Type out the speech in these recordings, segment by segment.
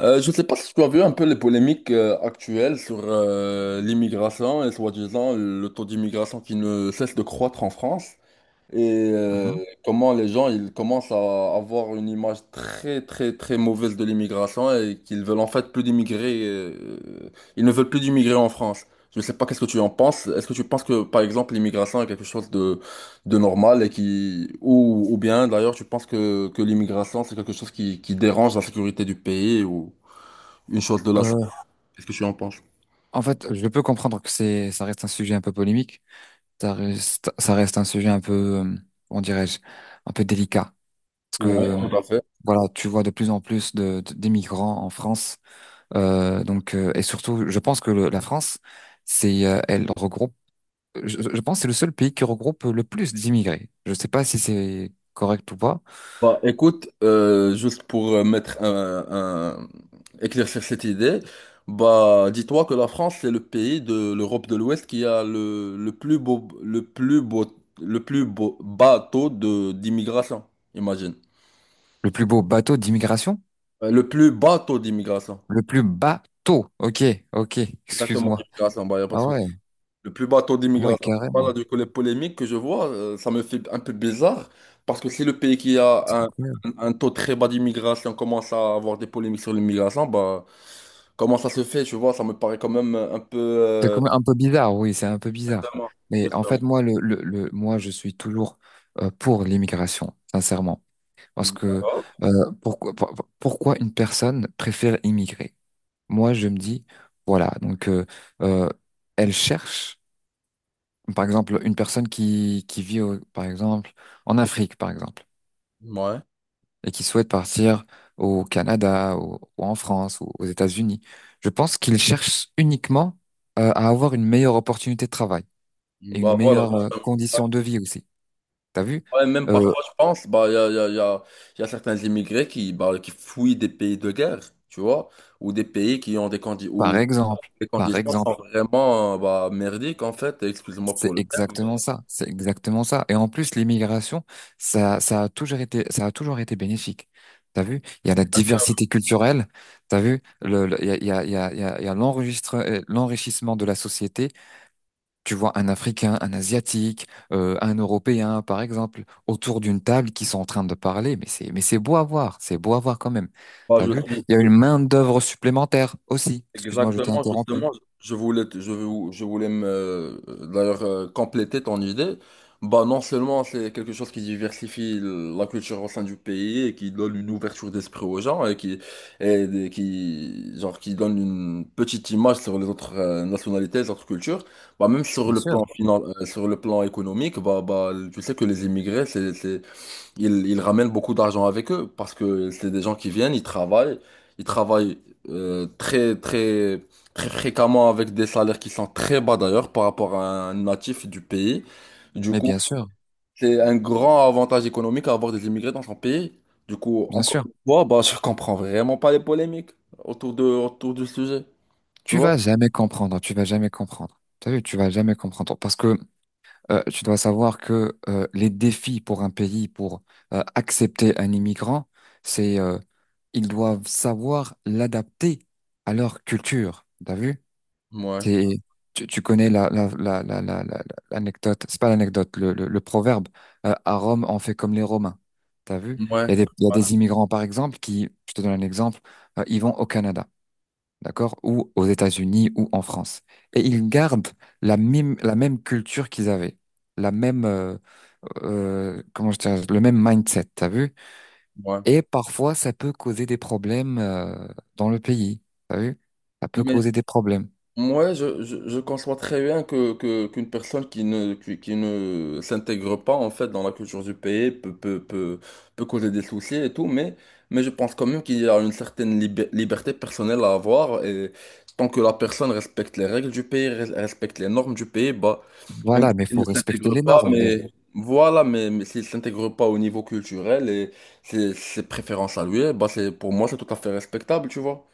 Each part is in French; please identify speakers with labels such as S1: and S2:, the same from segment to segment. S1: Je ne sais pas si tu as vu un peu les polémiques actuelles sur l'immigration et soi-disant le taux d'immigration qui ne cesse de croître en France et
S2: Mhm.
S1: comment les gens ils commencent à avoir une image très très très mauvaise de l'immigration et qu'ils veulent en fait plus d'immigrer, ils ne veulent plus d'immigrer en France. Je ne sais pas qu'est-ce que tu en penses. Est-ce que tu penses que par exemple l'immigration est quelque chose de normal et qui ou bien d'ailleurs tu penses que l'immigration c'est quelque chose qui dérange la sécurité du pays ou une chose de la salle.
S2: Euh,
S1: Qu'est-ce que tu en penses?
S2: en fait, je peux comprendre que ça reste un sujet un peu polémique. Ça reste un sujet un peu, euh, comment dirais-je, un peu délicat. Parce que,
S1: Ouais, tout à fait.
S2: voilà, tu vois de plus en plus d'immigrants en France. Donc, et surtout, je pense que la France, c'est, elle regroupe, je, je pense que c'est le seul pays qui regroupe le plus d'immigrés. Je sais pas si c'est correct ou pas.
S1: Bah, écoute, juste pour mettre éclaircir cette idée, bah, dis-toi que la France, c'est le pays de l'Europe de l'Ouest qui a le plus beau, le plus beau, le plus beau bateau de d'immigration, imagine.
S2: Le plus beau bateau d'immigration?
S1: Le plus bateau d'immigration.
S2: Le plus bateau. Ok, ok,
S1: Exactement,
S2: excuse-moi.
S1: d'immigration, bah, y a pas de
S2: Ah
S1: souci.
S2: ouais,
S1: Le plus bas taux
S2: ah ouais,
S1: d'immigration. Voilà,
S2: carrément.
S1: du coup, les polémiques que je vois, ça me fait un peu bizarre parce que si le pays qui a un,
S2: Ouais.
S1: un taux très bas d'immigration commence à avoir des polémiques sur l'immigration, bah, comment ça se fait, tu vois, ça me paraît quand même un peu...
S2: C'est
S1: euh,
S2: quand même un peu bizarre, oui, c'est un peu bizarre.
S1: Justement.
S2: Mais en
S1: Justement.
S2: fait, moi, moi, je suis toujours pour l'immigration, sincèrement. Parce que
S1: D'accord.
S2: pourquoi une personne préfère immigrer? Moi, je me dis, voilà, donc euh, elle cherche, par exemple, une personne qui vit, par exemple, en Afrique, par exemple,
S1: Ouais.
S2: et qui souhaite partir au Canada ou en France ou aux États-Unis. Je pense qu'il cherche uniquement à avoir une meilleure opportunité de travail. Et une
S1: Bah voilà,
S2: meilleure
S1: justement.
S2: condition de vie aussi. T'as vu?
S1: Ouais, même parfois,
S2: Euh,
S1: je pense, bah, il y a, y a- y a- y a certains immigrés qui, bah, qui fuient des pays de guerre, tu vois, ou des pays qui ont des candidats,
S2: par exemple,
S1: Les
S2: par
S1: conditions sont
S2: exemple,
S1: vraiment bah, merdiques en fait. Excuse-moi
S2: c'est
S1: pour le.
S2: exactement ça, c'est exactement ça. Et en plus, l'immigration, ça a toujours été, ça a toujours été bénéfique. T'as vu? Il y a la diversité culturelle. T'as vu? Il y a, il y a, il y a, il y a il y a l'enrichissement de la société. Tu vois un Africain, un Asiatique, un Européen, par exemple, autour d'une table qui sont en train de parler, mais c'est beau à voir, c'est beau à voir quand même.
S1: Bah,
S2: T'as
S1: je
S2: vu?
S1: suis-
S2: Il y a
S1: je-
S2: une main-d'œuvre supplémentaire aussi. Excuse-moi, je t'ai
S1: Exactement,
S2: interrompu.
S1: justement, je voulais, te- je, vou- je voulais me d'ailleurs compléter ton idée. Bah, non seulement c'est quelque chose qui diversifie la culture au sein du pays et qui donne une ouverture d'esprit aux gens et qui, genre, qui donne une petite image sur les autres nationalités, les autres cultures. Bah, même sur
S2: Bien
S1: le plan
S2: sûr.
S1: sur le plan économique, bah, tu sais que les immigrés, ils, ils ramènent beaucoup d'argent avec eux parce que c'est des gens qui viennent, ils travaillent très très très fréquemment avec des salaires qui sont très bas d'ailleurs par rapport à un natif du pays. Du
S2: Mais
S1: coup,
S2: bien sûr,
S1: c'est un grand avantage économique à avoir des immigrés dans son pays. Du coup,
S2: bien
S1: encore
S2: sûr.
S1: une fois, bah, je comprends vraiment pas les polémiques autour du sujet, tu
S2: Tu
S1: vois?
S2: vas jamais comprendre, tu vas jamais comprendre. T'as vu, tu vas jamais comprendre. Parce que tu dois savoir que les défis pour un pays, pour accepter un immigrant, c'est ils doivent savoir l'adapter à leur culture. T'as vu?
S1: Ouais,
S2: C'est, tu, tu connais l'anecdote, c'est pas l'anecdote, le proverbe, à Rome, on fait comme les Romains. T'as vu?
S1: ouais,
S2: Il y a des immigrants, par exemple, qui, je te donne un exemple, ils vont au Canada, d'accord? Ou aux États-Unis ou en France. Et ils gardent la même culture qu'ils avaient, la même, comment je dirais, le même mindset, t'as vu?
S1: ouais.
S2: Et parfois, ça peut causer des problèmes dans le pays. T'as vu? Ça peut
S1: Mais
S2: causer des problèmes.
S1: moi, je conçois très bien qu'une personne qui ne, qui ne s'intègre pas en fait dans la culture du pays peut causer des soucis et tout, mais je pense quand même qu'il y a une certaine liberté personnelle à avoir et tant que la personne respecte les règles du pays, respecte les normes du pays, bah, même
S2: Voilà, mais il
S1: s'il
S2: faut
S1: ne
S2: respecter
S1: s'intègre
S2: les
S1: pas,
S2: normes déjà.
S1: mais voilà, mais s'il ne s'intègre pas au niveau culturel et ses préférences à lui, bah, c'est, pour moi, c'est tout à fait respectable, tu vois.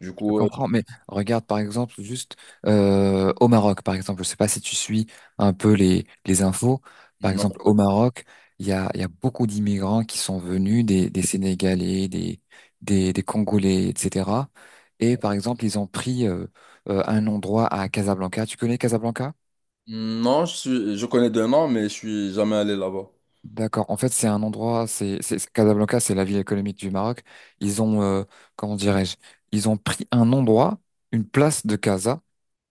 S1: Du
S2: Je
S1: coup, euh,
S2: comprends, mais regarde par exemple juste au Maroc, par exemple, je sais pas si tu suis un peu les infos. Par
S1: non.
S2: exemple, au Maroc, il y a beaucoup d'immigrants qui sont venus, des Sénégalais, des Congolais, etc. Et par exemple, ils ont pris un endroit à Casablanca. Tu connais Casablanca?
S1: Non, je suis, je connais deux noms, mais je suis jamais allé là-bas.
S2: D'accord. En fait, c'est un endroit, Casablanca, c'est la ville économique du Maroc. Ils ont, comment dirais-je, ils ont pris un endroit, une place de Casa.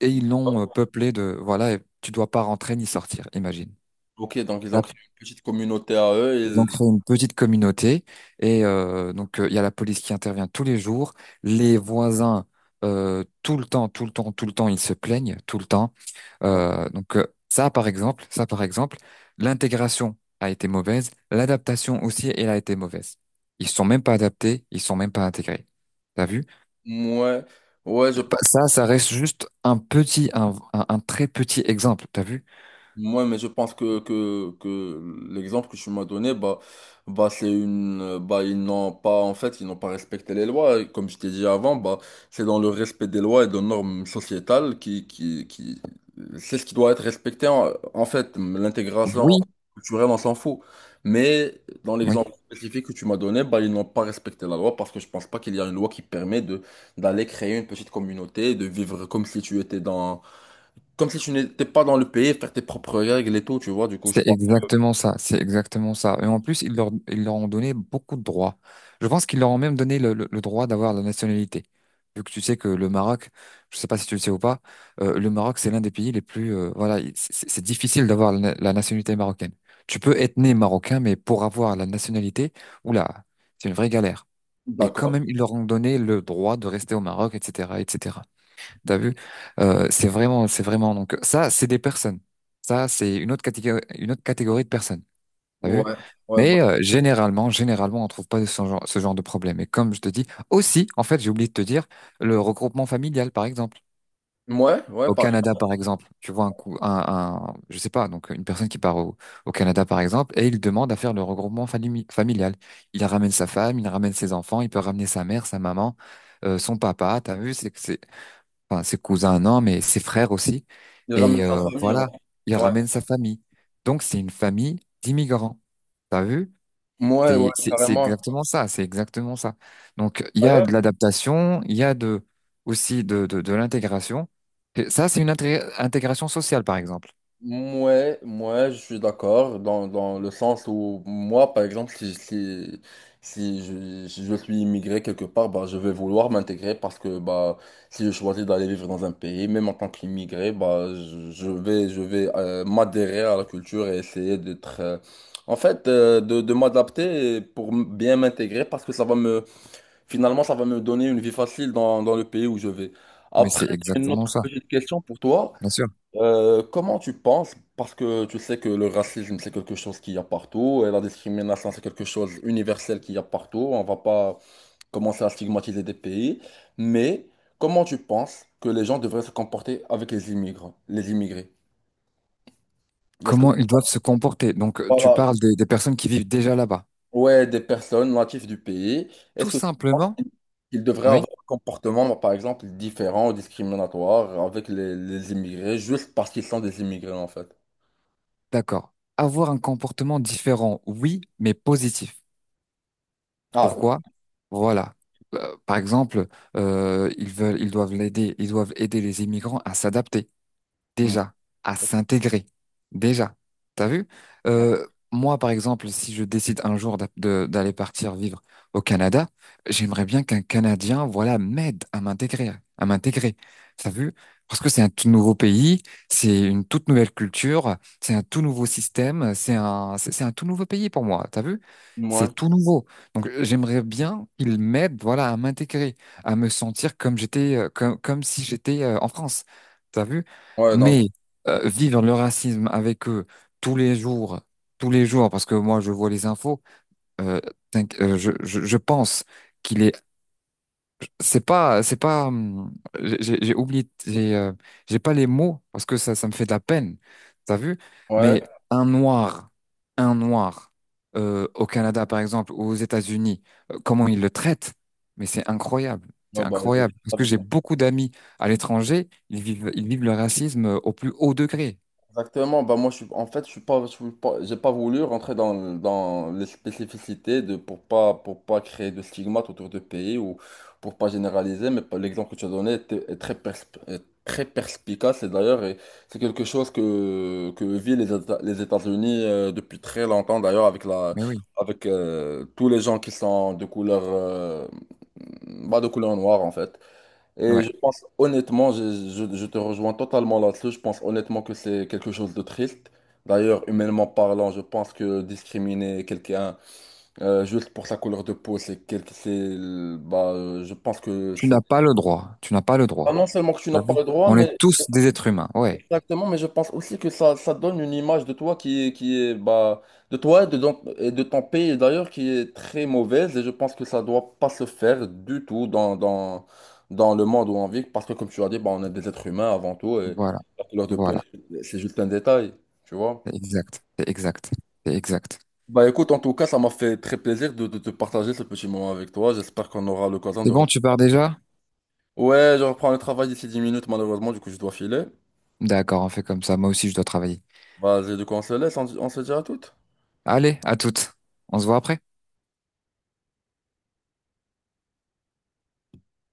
S2: Et ils l'ont peuplé de, voilà, et tu dois pas rentrer ni sortir, imagine.
S1: Ok, donc ils ont
S2: Là,
S1: créé une petite communauté à
S2: ils
S1: eux.
S2: ont
S1: Ils...
S2: créé une petite communauté et donc il y a la police qui intervient tous les jours, les voisins tout le temps, tout le temps, tout le temps, ils se plaignent tout le temps.
S1: Ouais,
S2: Donc ça par exemple, l'intégration a été mauvaise, l'adaptation aussi elle a été mauvaise. Ils sont même pas adaptés, ils sont même pas intégrés. T'as vu?
S1: ouais, ouais, je
S2: Bah,
S1: pense.
S2: ça reste juste un petit, un très petit exemple. T'as vu?
S1: Moi, mais je pense que l'exemple que tu m'as donné, bah, bah, c'est une, bah, ils n'ont pas, en fait, ils n'ont pas respecté les lois. Et comme je t'ai dit avant, bah, c'est dans le respect des lois et des normes sociétales c'est ce qui doit être respecté. En fait, l'intégration
S2: Oui,
S1: culturelle, on s'en fout. Mais dans
S2: oui.
S1: l'exemple spécifique que tu m'as donné, bah, ils n'ont pas respecté la loi parce que je pense pas qu'il y a une loi qui permet de, d'aller créer une petite communauté, de vivre comme si tu étais dans, comme si tu n'étais pas dans le pays, faire tes propres règles et tout, tu vois, du coup, je
S2: C'est
S1: pense.
S2: exactement ça, c'est exactement ça. Et en plus, ils leur ont donné beaucoup de droits. Je pense qu'ils leur ont même donné le droit d'avoir la nationalité. Vu que tu sais que le Maroc, je sais pas si tu le sais ou pas, le Maroc, c'est l'un des pays les plus... voilà, c'est difficile d'avoir la nationalité marocaine. Tu peux être né marocain, mais pour avoir la nationalité, oula, c'est une vraie galère. Et quand
S1: D'accord.
S2: même, ils leur ont donné le droit de rester au Maroc, etc., etc. T'as vu? C'est vraiment, c'est vraiment. Donc ça, c'est des personnes. Ça, c'est une autre catégorie de personnes. T'as vu?
S1: Ouais, ouais, bah,
S2: Mais généralement, généralement, on trouve pas ce genre, ce genre de problème. Et comme je te dis, aussi, en fait, j'ai oublié de te dire, le regroupement familial, par exemple.
S1: ouais,
S2: Au
S1: pareil.
S2: Canada, par exemple, tu vois un coup, je sais pas, donc une personne qui part au Canada, par exemple, et il demande à faire le regroupement familial. Il ramène sa femme, il ramène ses enfants, il peut ramener sa mère, sa maman, son papa. T'as vu? Enfin ses cousins, non, mais ses frères aussi.
S1: Il ramène
S2: Et
S1: sa famille, en
S2: voilà,
S1: fait.
S2: il
S1: Ouais,
S2: ramène sa famille. Donc c'est une famille d'immigrants. T'as vu?
S1: ouais,
S2: C'est
S1: carrément.
S2: exactement ça, c'est exactement ça. Donc il y a de l'adaptation, il y a de aussi de l'intégration. Et ça, c'est une intégration sociale, par exemple.
S1: Ouais, moi je suis d'accord dans, dans le sens où moi par exemple si je, si je suis immigré quelque part bah, je vais vouloir m'intégrer parce que bah si je choisis d'aller vivre dans un pays même en tant qu'immigré bah je vais m'adhérer à la culture et essayer d'être en fait de m'adapter pour bien m'intégrer parce que ça va me finalement ça va me donner une vie facile dans, dans le pays où je vais.
S2: Mais c'est
S1: Après j'ai une
S2: exactement
S1: autre
S2: ça,
S1: petite question pour toi.
S2: bien sûr.
S1: Comment tu penses, parce que tu sais que le racisme c'est quelque chose qu'il y a partout et la discrimination c'est quelque chose universel qu'il y a partout, on va pas commencer à stigmatiser des pays, mais comment tu penses que les gens devraient se comporter avec les immigrants, les immigrés? Est-ce que
S2: Comment ils doivent se comporter. Donc tu
S1: voilà,
S2: parles des personnes qui vivent déjà là-bas.
S1: ouais, des personnes natives du pays,
S2: Tout
S1: est-ce que tu penses
S2: simplement,
S1: qu'ils devraient
S2: oui,
S1: avoir un comportement par exemple différent ou discriminatoire avec les immigrés juste parce qu'ils sont des immigrés en fait?
S2: d'accord. Avoir un comportement différent, oui, mais positif.
S1: Ah,
S2: Pourquoi? Voilà. Par exemple, ils doivent l'aider, ils doivent aider les immigrants à s'adapter
S1: hmm.
S2: déjà à s'intégrer. Déjà. T'as vu? Euh, Moi, par exemple, si je décide un jour d'aller partir vivre au Canada, j'aimerais bien qu'un Canadien, voilà, m'aide à m'intégrer, à m'intégrer. T'as vu? Parce que c'est un tout nouveau pays, c'est une toute nouvelle culture, c'est un tout nouveau système, c'est un tout nouveau pays pour moi. T'as vu?
S1: ouais,
S2: C'est tout nouveau. Donc, j'aimerais bien qu'il m'aide, voilà, à m'intégrer, à me sentir comme j'étais, comme si j'étais en France. T'as vu?
S1: ouais, donc.
S2: Mais vivre le racisme avec eux tous les jours, tous les jours, parce que moi je vois les infos, euh, je pense qu'il est, c'est pas, j'ai oublié, j'ai pas les mots parce que ça me fait de la peine, t'as vu?
S1: Ouais,
S2: Mais un noir, un noir au Canada par exemple ou aux États-Unis, comment ils le traitent? Mais c'est
S1: ouais, bah, euh,
S2: incroyable parce que
S1: avec-
S2: j'ai beaucoup d'amis à l'étranger, ils vivent le racisme au plus haut degré.
S1: exactement. Bah, moi, je suis, en fait, je suis j'ai pas voulu rentrer dans, dans les spécificités de, pour pas créer de stigmates autour de pays ou pour pas généraliser. Mais l'exemple que tu as donné est très, est très perspicace. Et d'ailleurs, et c'est quelque chose que vivent les, les États-Unis depuis très longtemps, d'ailleurs, avec la,
S2: Mais oui,
S1: avec tous les gens qui sont de couleur, bah, de couleur noire, en fait. Et
S2: ouais.
S1: je pense honnêtement, je te rejoins totalement là-dessus. Je pense honnêtement que c'est quelque chose de triste. D'ailleurs, humainement parlant, je pense que discriminer quelqu'un juste pour sa couleur de peau, c'est quelque, c'est, bah, je pense que
S2: Tu n'as
S1: c'est.
S2: pas le droit. Tu n'as pas le
S1: Ah,
S2: droit.
S1: non seulement que tu n'as
S2: T'as
S1: pas
S2: vu.
S1: le droit,
S2: On est
S1: mais
S2: tous des êtres humains. Ouais.
S1: exactement, mais je pense aussi que ça donne une image de toi qui est bah, de toi et de, et de ton pays d'ailleurs qui est très mauvaise et je pense que ça doit pas se faire du tout dans le monde où on vit parce que comme tu as dit, bah, on est des êtres humains avant tout et
S2: Voilà.
S1: la couleur de peau,
S2: Voilà.
S1: c'est juste un détail, tu vois.
S2: C'est exact. C'est exact. C'est exact.
S1: Bah écoute, en tout cas, ça m'a fait très plaisir de partager ce petit moment avec toi. J'espère qu'on aura l'occasion
S2: C'est
S1: de... re-
S2: bon, tu pars déjà?
S1: Ouais, je reprends le travail d'ici 10 minutes malheureusement, du coup je dois filer.
S2: D'accord, on fait comme ça. Moi aussi, je dois travailler.
S1: Vas-y, du coup on se laisse, on se dit à toutes.
S2: Allez, à toutes. On se voit après.